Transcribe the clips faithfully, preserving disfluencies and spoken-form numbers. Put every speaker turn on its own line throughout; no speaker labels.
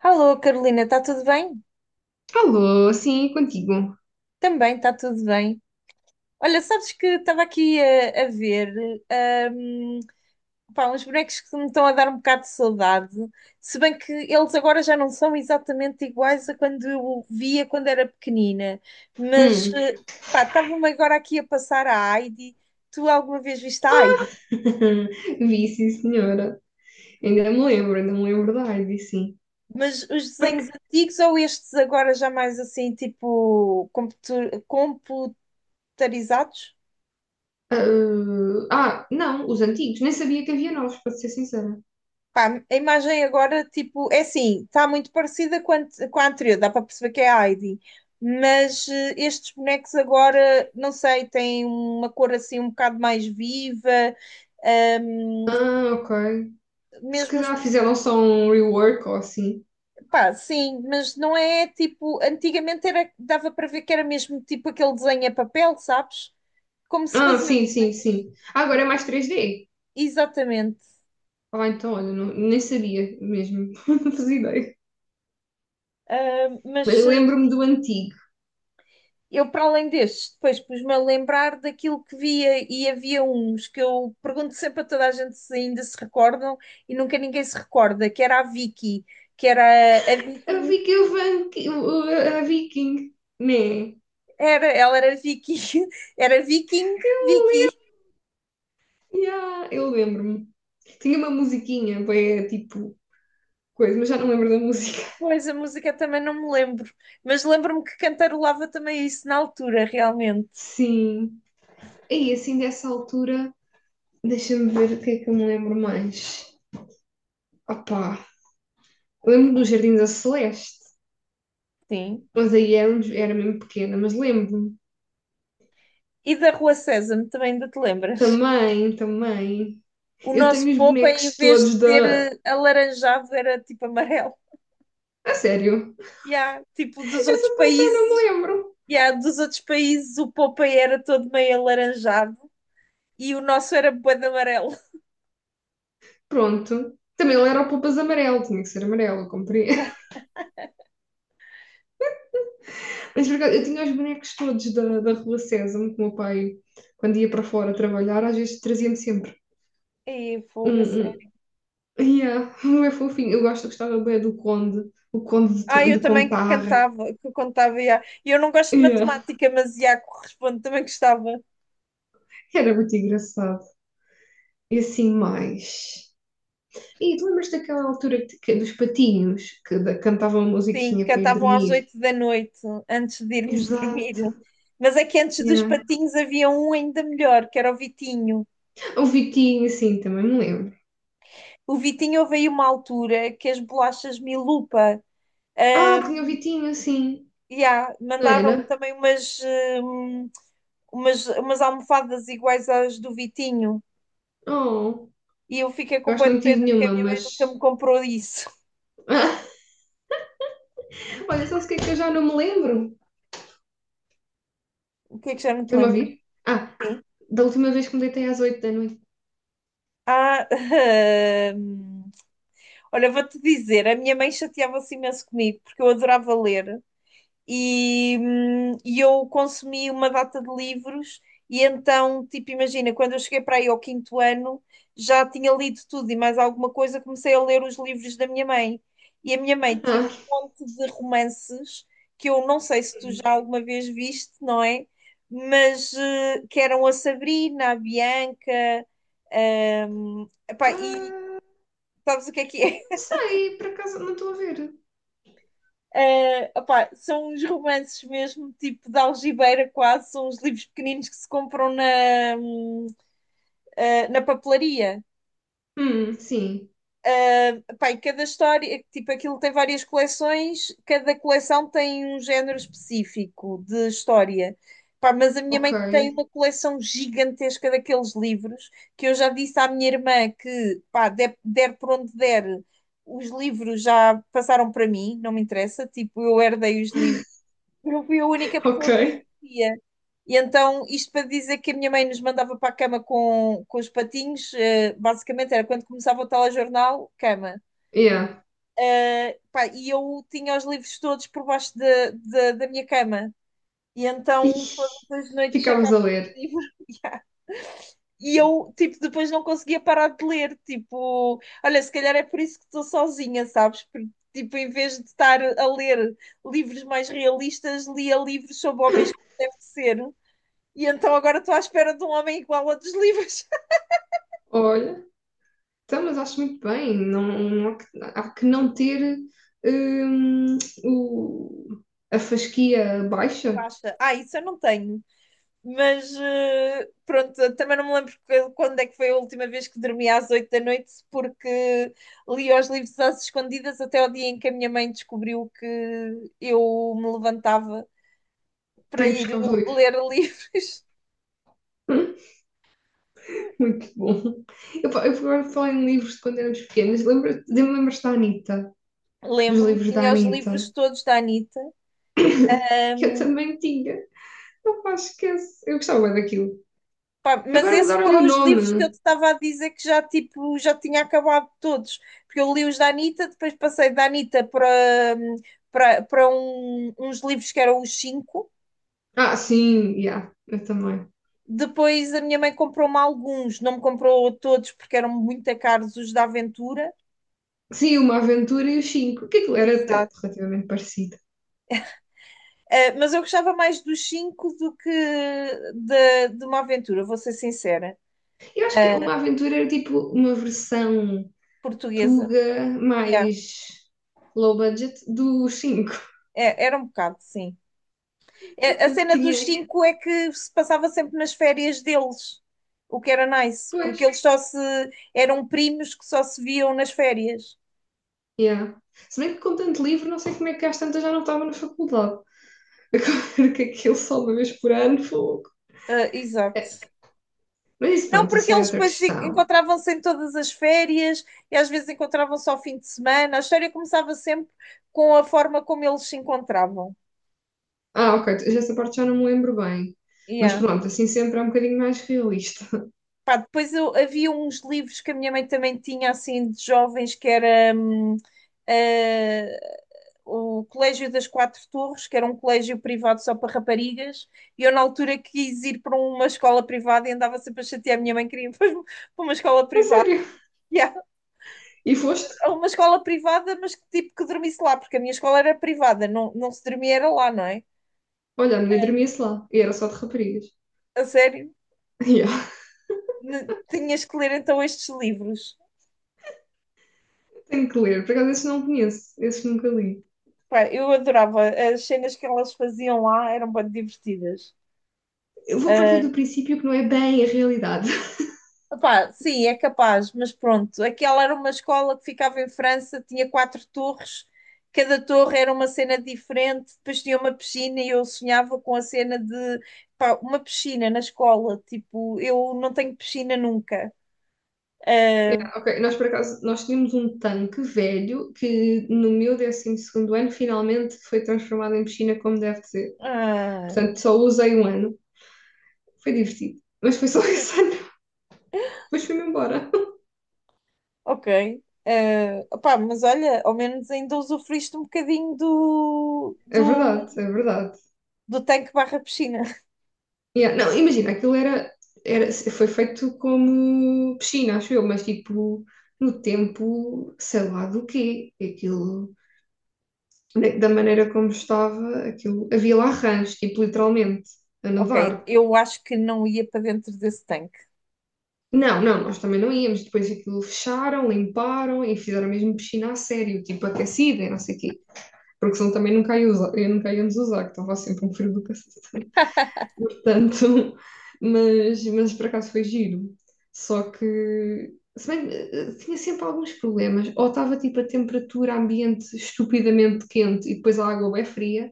Alô, Carolina, está tudo bem?
Falou, sim, é contigo.
Também está tudo bem. Olha, sabes que estava aqui a, a ver hum, pá, uns bonecos que me estão a dar um bocado de saudade, se bem que eles agora já não são exatamente iguais a quando eu via quando era pequenina, mas
Hum.
eh, pá, estava-me agora aqui a passar a Heidi. Tu alguma vez viste a Heidi?
Vi, sim, senhora. Ainda me lembro, ainda me lembro da Ivy, sim.
Mas os
Para
desenhos
que-
antigos ou estes agora já mais assim, tipo computu- computarizados?
ah, ah, Não, os antigos. Nem sabia que havia novos, para ser sincera.
Pá, a imagem agora, tipo, é assim, está muito parecida com a, ante- com a anterior, dá para perceber que é a Heidi, mas eh, estes bonecos agora, não sei, têm uma cor assim um bocado mais viva,
Ah, ok. Se
mesmo os,
calhar
pers-
fizeram só um rework ou assim.
pá, sim, mas não é tipo, antigamente era, dava para ver que era mesmo tipo aquele desenho a papel, sabes? Como se
Ah,
fazia
sim,
os
sim,
desenhos,
sim. Ah, agora é mais três D.
exatamente.
Ah, então, olha, não- nem sabia mesmo. Não fazia ideia. Mas
Mas eh,
lembro-me do antigo.
eu, para além destes, depois pus-me a lembrar daquilo que via e havia uns que eu pergunto sempre a toda a gente se ainda se recordam e nunca ninguém se recorda, que era a Vicky, que era a
A
Viking,
Vicky, o Van- o- a Viking, né?
era, ela era Vicky, era Viking, Vicky.
Yeah, eu lembro-me. Tinha uma musiquinha, bem, tipo, coisa, mas já não lembro da música.
Pois, a música também não me lembro, mas lembro-me que cantarolava também isso na altura, realmente,
Sim. E assim, dessa altura, deixa-me ver o que é que eu me lembro mais. Opá, lembro do Jardim da Celeste,
sim.
mas aí era, era mesmo pequena, mas lembro-me.
E da Rua Sésamo, também ainda te lembras?
Também, também.
O
Eu
nosso
tenho os
Popa, em
bonecos
vez de
todos
ser
da.
eh, alaranjado, era tipo amarelo.
A sério,
Yeah, tipo, dos outros
essa parte já não me
países,
lembro.
yeah, dos outros países o Popeye era todo meio alaranjado e o nosso era bué de amarelo.
Pronto. Também ele era o Poupas Amarelo, tinha que ser amarelo, eu comprei. Mas por acaso, eu tinha os bonecos todos da, da Rua Sésamo, que o meu pai, quando ia para fora trabalhar, às vezes trazia-me sempre
E
um.
fogo, a
um
sério.
Yeah, um é fofinho. Eu gosto, eu gostava bem do Conde, o Conde de,
Ah,
Tu-
eu
de
também que
Contarra.
cantava, que contava, yeah. E eu não gosto de
Yeah.
matemática, mas yeah, corresponde, também gostava.
Era muito engraçado. E assim mais. E tu lembras daquela altura que- que- dos patinhos que da- cantavam a
Sim,
musiquinha para ir
cantavam às
dormir?
oito da noite, antes de irmos dormir.
Exato.
Mas é que antes dos
Yeah.
patinhos havia um ainda melhor, que era o Vitinho.
O Vitinho, sim, também me lembro.
O Vitinho houve aí uma altura que as bolachas Milupa,
Ah,
ah,
tinha o Vitinho, sim.
e há,
Não
mandaram
era?
também umas, hum, umas, umas almofadas iguais às do Vitinho.
Oh,
E eu fiquei
eu
com
acho
boa
que
de
não
pena
tive
porque a
nenhuma,
minha mãe
mas
nunca me comprou isso.
ah, olha, sabes o que é que eu já não me lembro?
O que é que já não te
Estás-me a
lembro?
ouvir? Ah, da última vez que me deitei às oito da noite.
Ah, hum, olha, vou-te dizer, a minha mãe chateava-se imenso comigo porque eu adorava ler e, hum, e eu consumi uma data de livros, e então, tipo, imagina, quando eu cheguei para aí ao quinto ano, já tinha lido tudo e mais alguma coisa, comecei a ler os livros da minha mãe. E a minha mãe tinha
Ah,
um monte de romances que eu não sei se tu já alguma vez viste, não é? Mas eh, que eram a Sabrina, a Bianca, hum, epá,
ah,
e sabes o que é que é?
não sei, por acaso não estou a ver.
Eh, opá, são uns romances mesmo, tipo de algibeira quase, são uns livros pequeninos que se compram na, hum, eh, na papelaria.
Hum, sim.
Opá, e cada história, tipo, aquilo tem várias coleções, cada coleção tem um género específico de história. Pá, mas a minha
Ok.
mãe tem uma coleção gigantesca daqueles livros que eu já disse à minha irmã que, pá, der, der por onde der, os livros já passaram para mim, não me interessa, tipo, eu herdei os livros. Eu fui a única
Ok.
pessoa que o via. E então, isto para dizer que a minha mãe nos mandava para a cama com, com os patinhos, eh, basicamente era quando começava o telejornal, cama.
Yeah.
Eh, pá, e eu tinha os livros todos por baixo da da- da minha cama. E então,
Ih,
todas as noites
ficámos
sacava
a ler.
o livro. E eu, tipo, depois não conseguia parar de ler. Tipo, olha, se calhar é por isso que estou sozinha, sabes? Porque, tipo, em vez de estar a ler livros mais realistas, lia livros sobre homens como deve ser. E então agora estou à espera de um homem igual a dos livros.
Olha, então, mas acho muito bem. Não, não há, que, há que não ter hum, o, a fasquia baixa
Basta. Ah, isso eu não tenho. Mas eh, pronto, eu também não me lembro que- quando é que foi a última vez que dormi às oito da noite, porque li os livros às escondidas até o dia em que a minha mãe descobriu que eu me levantava para
para ir
ir
buscar os livros.
ler livros.
Hum, muito bom. Eu, fa- eu agora falei em livros de quando éramos pequenas. Lembra- Lembras-te da Anitta? Dos
Lembro-me,
livros da
tinha os livros
Anitta.
todos da Anitta,
Eu
um,
também tinha. Não pá, esquece. Eu gostava bué daquilo.
pá, mas
Agora
esses
mudaram-lhe
foram
o
os livros que eu te
nome.
estava a dizer que já, tipo, já tinha acabado todos, porque eu li os da Anitta, depois passei da Anitta para, para, para um, uns livros que eram os cinco,
Ah, sim, já. Yeah, eu também.
depois a minha mãe comprou-me alguns, não me comprou todos porque eram muito caros os da Aventura.
Sim, Uma Aventura e os Cinco. Que aquilo era até
Exato.
relativamente parecido.
Uh, mas eu gostava mais dos cinco do que de, de uma aventura, vou ser sincera,
Eu acho que
uh,
Uma Aventura era tipo uma versão
portuguesa.
Tuga
Yeah.
mais low budget dos Cinco.
É, era um bocado, sim. É, a
Eu
cena dos
tinha,
cinco é que se passava sempre nas férias deles, o que era nice,
pois,
porque eles só se eram primos que só se viam nas férias.
yeah. Se bem que com tanto livro, não sei como é que às tantas já não estava na faculdade. Agora que aquilo só uma vez por ano, fogo.
Ah, exato.
Mas isso,
Não,
pronto,
porque
isso é
eles
outra
depois se-
questão.
encontravam-se em todas as férias e às vezes encontravam-se ao fim de semana. A história começava sempre com a forma como eles se encontravam.
Ah, ok, já essa parte já não me lembro bem. Mas
Yeah.
pronto, assim sempre é um bocadinho mais realista.
Pá, depois eu- havia uns livros que a minha mãe também tinha, assim, de jovens, que era hum, eh, o Colégio das Quatro Torres, que era um colégio privado só para raparigas, e eu na altura quis ir para uma escola privada e andava sempre a chatear a minha mãe, queria ir para uma escola
A
privada.
sério.
Yeah,
E foste?
uma escola privada, mas que tipo que dormisse lá, porque a minha escola era privada, não, não se dormia era lá, não é?
Olha, a minha dormia-se lá. E era só de raparigas.
A sério?
Yeah.
N- Tinhas que ler então estes livros.
Tenho que ler. Por acaso, esses não conheço. Esses nunca li.
Pá, eu adorava. As cenas que elas faziam lá eram bem divertidas.
Eu vou partir do princípio que não é bem a realidade.
Ah, pá, sim, é capaz, mas pronto. Aquela era uma escola que ficava em França, tinha quatro torres, cada torre era uma cena diferente, depois tinha uma piscina e eu sonhava com a cena de pá, uma piscina na escola. Tipo, eu não tenho piscina nunca.
Yeah,
Ah,
ok, nós por acaso, nós tínhamos um tanque velho que no meu décimo segundo ano finalmente foi transformado em piscina como deve ser.
ah,
Portanto, só usei um ano. Foi divertido. Mas foi só esse ano. Depois fui-me embora.
ok. Ah, opá, mas olha, ao menos ainda usufruíste um bocadinho do,
É
do,
verdade, é verdade.
do tanque barra piscina.
Yeah, não, imagina, aquilo era, era, foi feito como piscina, acho eu, mas tipo no tempo, sei lá do quê. Aquilo, da da maneira como estava, aquilo, havia lá rãs, tipo literalmente, a nadar.
Ok, eu acho que não ia para dentro desse tanque.
Não, não, nós também não íamos. Depois aquilo fecharam, limparam e fizeram mesmo piscina a sério, tipo aquecida e não sei o quê. Porque senão também nunca, ia usar, eu nunca íamos usar, que estava sempre um frio do cacete. Portanto, mas, mas por acaso foi giro. Só que, se bem, que, eh, tinha sempre alguns problemas. Ou estava tipo a temperatura ambiente estupidamente quente e depois a água é fria,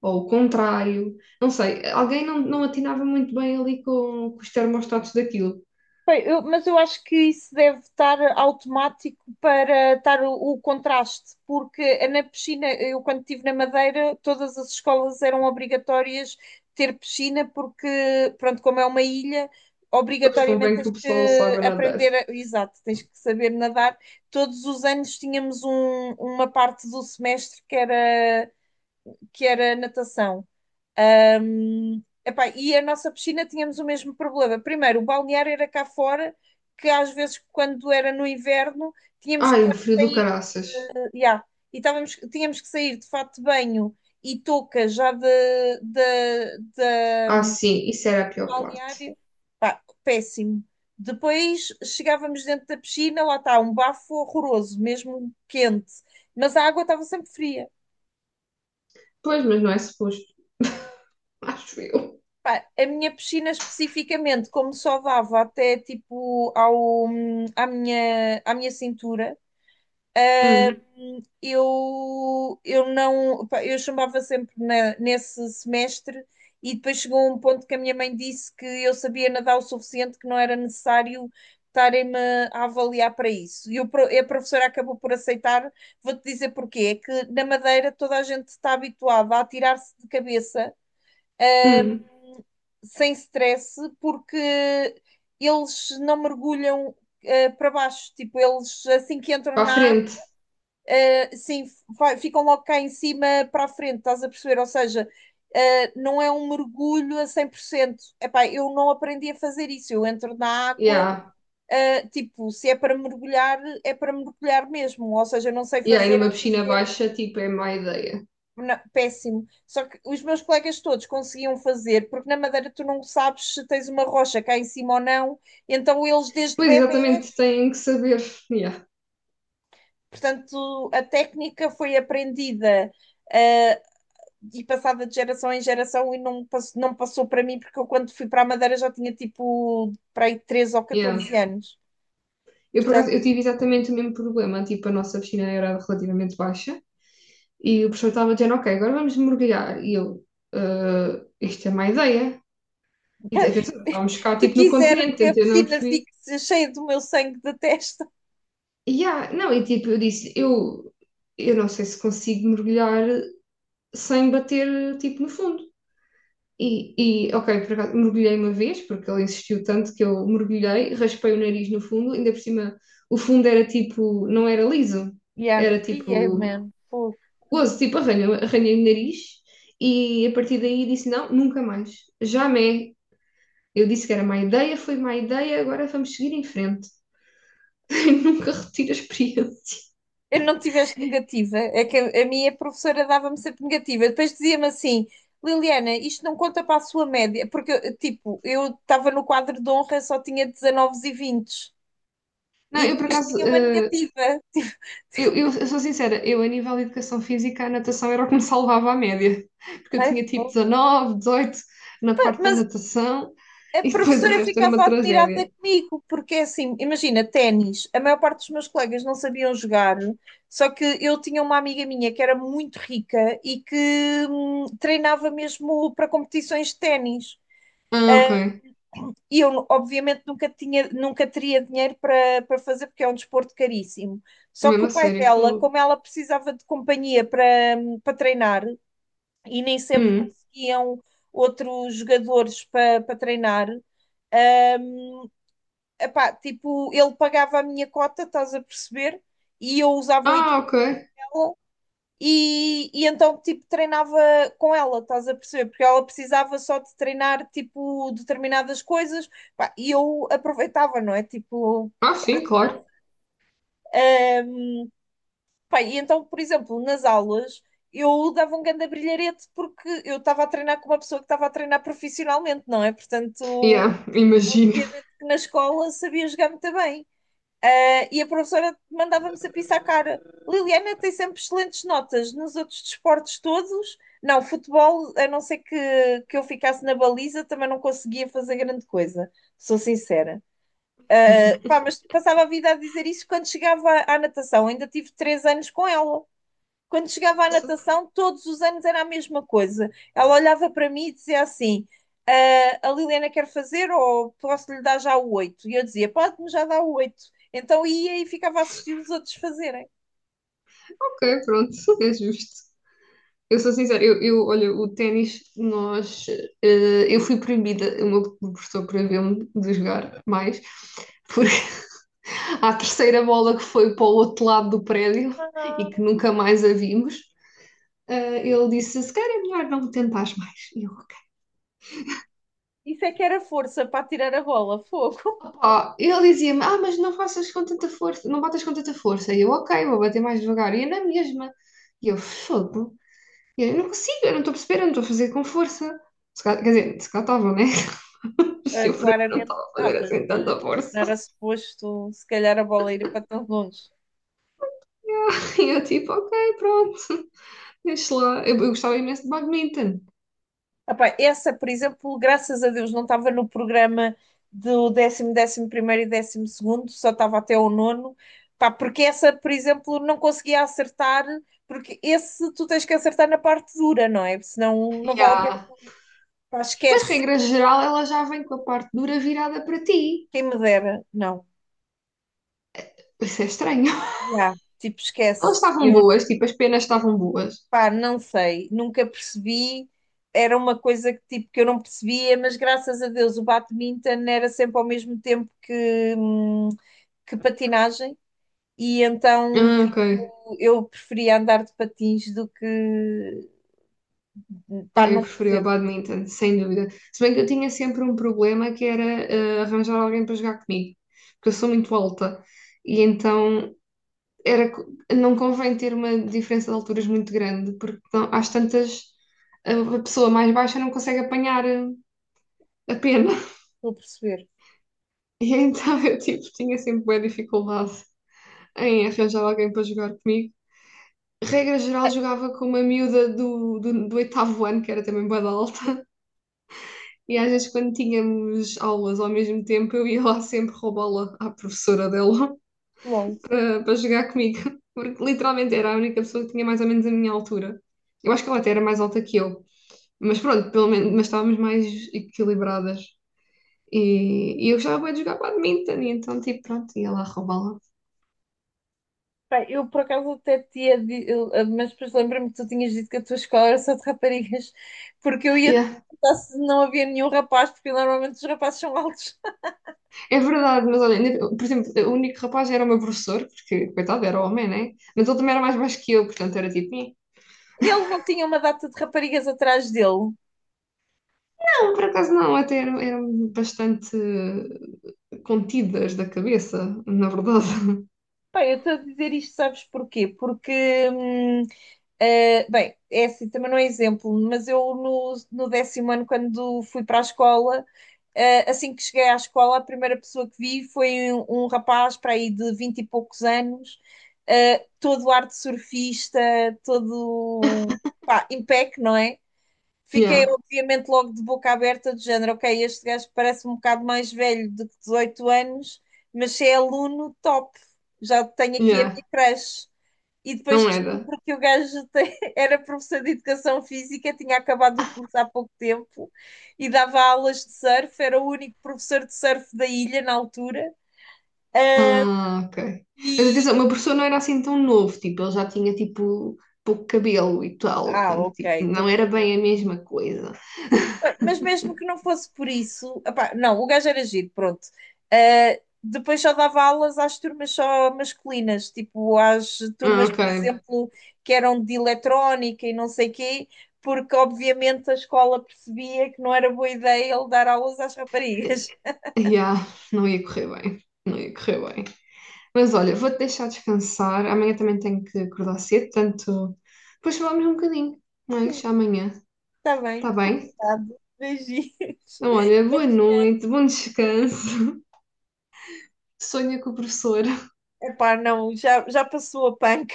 ou o contrário. Não sei, alguém não, não atinava muito bem ali com, com os termostatos daquilo.
Bem, eu- mas eu acho que isso deve estar automático para estar o, o contraste, porque na piscina, eu quando estive na Madeira, todas as escolas eram obrigatórias ter piscina, porque, pronto, como é uma ilha,
Depois
obrigatoriamente
convém que
tens
o pessoal
que
saiba nadar.
aprender, a- exato, tens que saber nadar. Todos os anos tínhamos um- uma parte do semestre que era, que era natação. Ahm, epá, e a nossa piscina tínhamos o mesmo problema. Primeiro, o balneário era cá fora, que às vezes, quando era no inverno, tínhamos que
Ai,
estar
o frio
a
do
sair,
caraças.
já, e estávamos, tínhamos que sair de fato de banho e touca já de, de,
Ah,
de
sim, isso era a pior parte.
balneário. Pá, péssimo. Depois chegávamos dentro da piscina, lá está, um bafo horroroso, mesmo quente, mas a água estava sempre fria.
Pois, mas não é suposto. Acho eu.
Pá, a minha piscina especificamente, como só dava até tipo ao, à minha, à minha cintura, ah,
Hum,
eu, eu não, pá, eu chumbava sempre na- nesse semestre e depois chegou um ponto que a minha mãe disse que eu sabia nadar o suficiente, que não era necessário estarem-me a avaliar para isso. E o pro- e a professora acabou por aceitar. Vou-te dizer porquê. É que na Madeira toda a gente está habituada a atirar-se de cabeça
hum.
sem stress, porque eles não mergulham eh, para baixo. Tipo, eles assim que entram
Para a
na água,
frente.
eh, sim, vai- ficam logo cá em cima para a frente, estás a perceber? Ou seja, eh, não é um mergulho a cem por cento. Epá, eu não aprendi a fazer isso. Eu entro na água,
Yeah.
eh, tipo, se é para mergulhar, é para mergulhar mesmo. Ou seja, eu não sei
Yeah, e
fazer
numa
essa
piscina
cena.
baixa, tipo, é má ideia.
Não, péssimo. Só que os meus colegas todos conseguiam fazer, porque na Madeira tu não sabes se tens uma rocha cá em cima ou não, então eles desde
Pois,
bebés,
exatamente, têm que saber. Yeah,
portanto, a técnica foi aprendida eh, e passada de geração em geração e não, pass- não passou para mim, porque eu quando fui para a Madeira já tinha tipo para aí treze ou
yeah.
catorze anos.
Eu, por
Portanto,
acaso, eu tive exatamente o mesmo problema. Tipo, a nossa piscina era relativamente baixa. E o professor estava dizendo, ok, agora vamos mergulhar. E eu, "Ah, isto é má ideia." E atenção, nós estávamos cá,
se
tipo, no
quiser
continente,
que a
então eu não
piscina
percebi.
fique cheia do meu sangue da testa.
Yeah, não, e tipo, eu disse, eu, eu não sei se consigo mergulhar sem bater, tipo, no fundo. E, e ok, por acaso, mergulhei uma vez, porque ele insistiu tanto que eu mergulhei, raspei o nariz no fundo, ainda por cima, o fundo era tipo, não era liso,
Yeah.
era
Yeah,
tipo,
man. Fogo.
gozo, tipo, arranha, arranhei o nariz, e a partir daí disse, não, nunca mais, jamais. Eu disse que era má ideia, foi má ideia, agora vamos seguir em frente. Nunca retiro a experiência.
Eu não tiveste negativa, é que a, a minha professora dava-me sempre negativa. Depois dizia-me assim: Liliana, isto não conta para a sua média, porque eu, tipo, eu estava no quadro de honra, só tinha dezanove e vinte
Não,
e
eu por
depois
acaso,
tinha uma
eh,
negativa.
Eu, eu, eu sou sincera, eu a nível de educação física, a natação era o que me salvava a média, porque eu tinha tipo
Tipo,
dezanove dezoito na
né?
parte da
Mas
natação
a
e depois do
professora
resto era uma
ficava
tragédia.
admirada comigo, porque é assim, imagina, ténis, a maior parte dos meus colegas não sabiam jogar, só que eu tinha uma amiga minha que era muito rica e que hum, treinava mesmo para competições de ténis.
Ah, ok.
E eu, obviamente, nunca tinha, nunca teria dinheiro para, para fazer, porque é um desporto caríssimo. Só que
Mesmo
o
a
pai
sério,
dela,
fogo.
como ela precisava de companhia para, para treinar, e nem sempre
Hum.
conseguiam outros jogadores para, para treinar, hum, epá, tipo, ele pagava a minha cota, estás a perceber? E eu usava o
Ah,
equipe.
ok.
E, e então, tipo, treinava com ela, estás a perceber? Porque ela precisava só de treinar, tipo, determinadas coisas, pá, e eu aproveitava, não é? Tipo,
Ah, sim, claro.
pá, e então, por exemplo, nas aulas eu dava um grande brilharete porque eu estava a treinar com uma pessoa que estava a treinar profissionalmente, não é? Portanto,
Yeah, imagino.
obviamente que na escola sabia jogar muito bem. Ah, e a professora mandava-me sempre isso à cara. Liliana tem sempre excelentes notas nos outros desportos todos. Não, futebol, a não ser que, que eu ficasse na baliza, também não conseguia fazer grande coisa, sou sincera. Ah, pá, mas passava a vida a dizer isso quando chegava à, à natação. Ainda tive três anos com ela. Quando chegava à
Nossa,
natação, todos os anos era a mesma coisa. Ela olhava para mim e dizia assim: "Ah, a Liliana quer fazer ou posso lhe dar já o oito?" E eu dizia: "Pode-me já dar o oito." Então ia e ficava a assistir os outros fazerem.
ok, pronto, é justo. Eu sou sincera, eu, eu olha, o ténis, nós, eh, eu fui proibida, o meu professor proibiu-me de jogar mais, porque à terceira bola que foi para o outro lado do prédio e
Ah,
que nunca mais a vimos, eh, ele disse: Se calhar é melhor não tentares mais. E eu, ok.
isso é que era força para tirar a bola, fogo.
Opa, ele dizia-me: Ah, mas não faças com tanta força, não batas com tanta força. E eu, ok, vou bater mais devagar. E é na mesma. E eu, fogo. E eu, eu não consigo, eu não estou a perceber, eu não estou a fazer com força. Quer dizer, se calhar estava, né?
Eh,
Eu para mim não
claramente
estava a fazer
estavas,
assim
não é?
tanta
Não
força.
era suposto, se calhar, a bola ir para tão longe.
E eu, tipo, ok, pronto, deixa lá. Eu, eu gostava imenso de badminton.
Epá, essa, por exemplo, graças a Deus, não estava no programa do décimo, décimo primeiro e décimo segundo, só estava até o nono. Pá, porque essa, por exemplo, não conseguia acertar, porque esse tu tens que acertar na parte dura, não é? Senão
E
não vale a pena.
yeah.
Pá,
Mas,
esquece.
regra geral, ela já vem com a parte dura virada para ti.
Quem me dera. Não.
Isso é estranho.
Já, tipo,
Elas
esquece.
estavam
Eu
boas, tipo, as penas estavam boas.
pá, não sei, nunca percebi. Era uma coisa que, tipo, que, eu não percebia, mas graças a Deus o badminton era sempre ao mesmo tempo que, hum, que patinagem, e então
Ah, ok.
tipo, eu preferia andar de patins do que. Pá,
Ah, eu
não
preferia o
percebo,
badminton, sem dúvida. Se bem que eu tinha sempre um problema que era ah, arranjar alguém para jogar comigo, porque eu sou muito alta. E então era, co- não convém ter uma diferença de alturas muito grande, porque não, às tantas a a pessoa mais baixa não consegue apanhar a a pena.
estou a perceber.
E então eu tipo, tinha sempre boa dificuldade. Em arranjar alguém para jogar comigo. Regra geral, jogava com uma miúda do, do, do oitavo ano, que era também bué da alta. E às vezes, quando tínhamos aulas ao mesmo tempo, eu ia lá sempre roubá-la à professora dela
Logo.
para, para jogar comigo. Porque literalmente era a única pessoa que tinha mais ou menos a minha altura. Eu acho que ela até era mais alta que eu. Mas pronto, pelo menos, mas estávamos mais equilibradas. E, e eu gostava bué de jogar badminton, e então, tipo, pronto, ia lá roubá-la.
Pá, eu por acaso até tinha. di- eu- Mas depois lembro-me que tu tinhas dito que a tua escola era só de raparigas, porque eu ia te
Yeah.
perguntar se não havia nenhum rapaz, porque normalmente os rapazes são altos.
É verdade, mas olha, ainda- por exemplo, o único rapaz era o meu professor, porque, coitado, era homem, né? Mas ele também era mais baixo que eu, portanto era tipo, "Eh,
Ele não tinha uma data de raparigas atrás dele?
não, por acaso não, até eram, eram bastante contidas da cabeça, na verdade."
Bem, eu estou a dizer isto, sabes porquê? Porque, hum, eh, bem, é assim, também não é exemplo, mas eu no, no décimo ano, quando fui para a escola, eh, assim que cheguei à escola, a primeira pessoa que vi foi um, um rapaz para aí de vinte e poucos anos, eh, todo ar de surfista, todo, pá, impec, não é? Fiquei,
Yeah,
obviamente, logo de boca aberta, do género, ok, este gajo parece um bocado mais velho de que dezoito anos, mas se é aluno, top, já tenho aqui a
yeah,
minha creche. E depois
não era.
descubro que o gajo tem- era professor de educação física, tinha acabado o curso há pouco tempo e dava aulas de surf, era o único professor de surf da ilha na altura.
Ah, ok. Mas atenção, o
E,
meu professor não era assim tão novo, tipo, ele já tinha tipo pouco cabelo e tal,
ah,
portanto,
ok,
tipo,
estou a
não era
perceber.
bem a mesma coisa.
Mas mesmo que não fosse por isso, epá, não, o gajo era giro, pronto. Ah, depois só dava aulas às turmas só masculinas, tipo às
Ah,
turmas,
ok.
por exemplo, que eram de eletrónica e não sei quê, porque obviamente a escola percebia que não era boa ideia ele dar aulas às
Eh,
raparigas.
Yeah, não ia correr bem, não ia correr bem. Mas olha, vou-te deixar descansar. Amanhã também tenho que acordar cedo, portanto, depois falamos um bocadinho, mas amanhã,
Está bem,
está bem?
obrigado. Beijinhos.
Então, olha, boa noite, bom descanso. Sonha com o professor.
Epá, não, já, já passou a panca.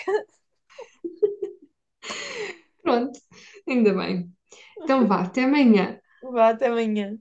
Pronto, ainda bem. Então vá, até amanhã.
Vá, até amanhã.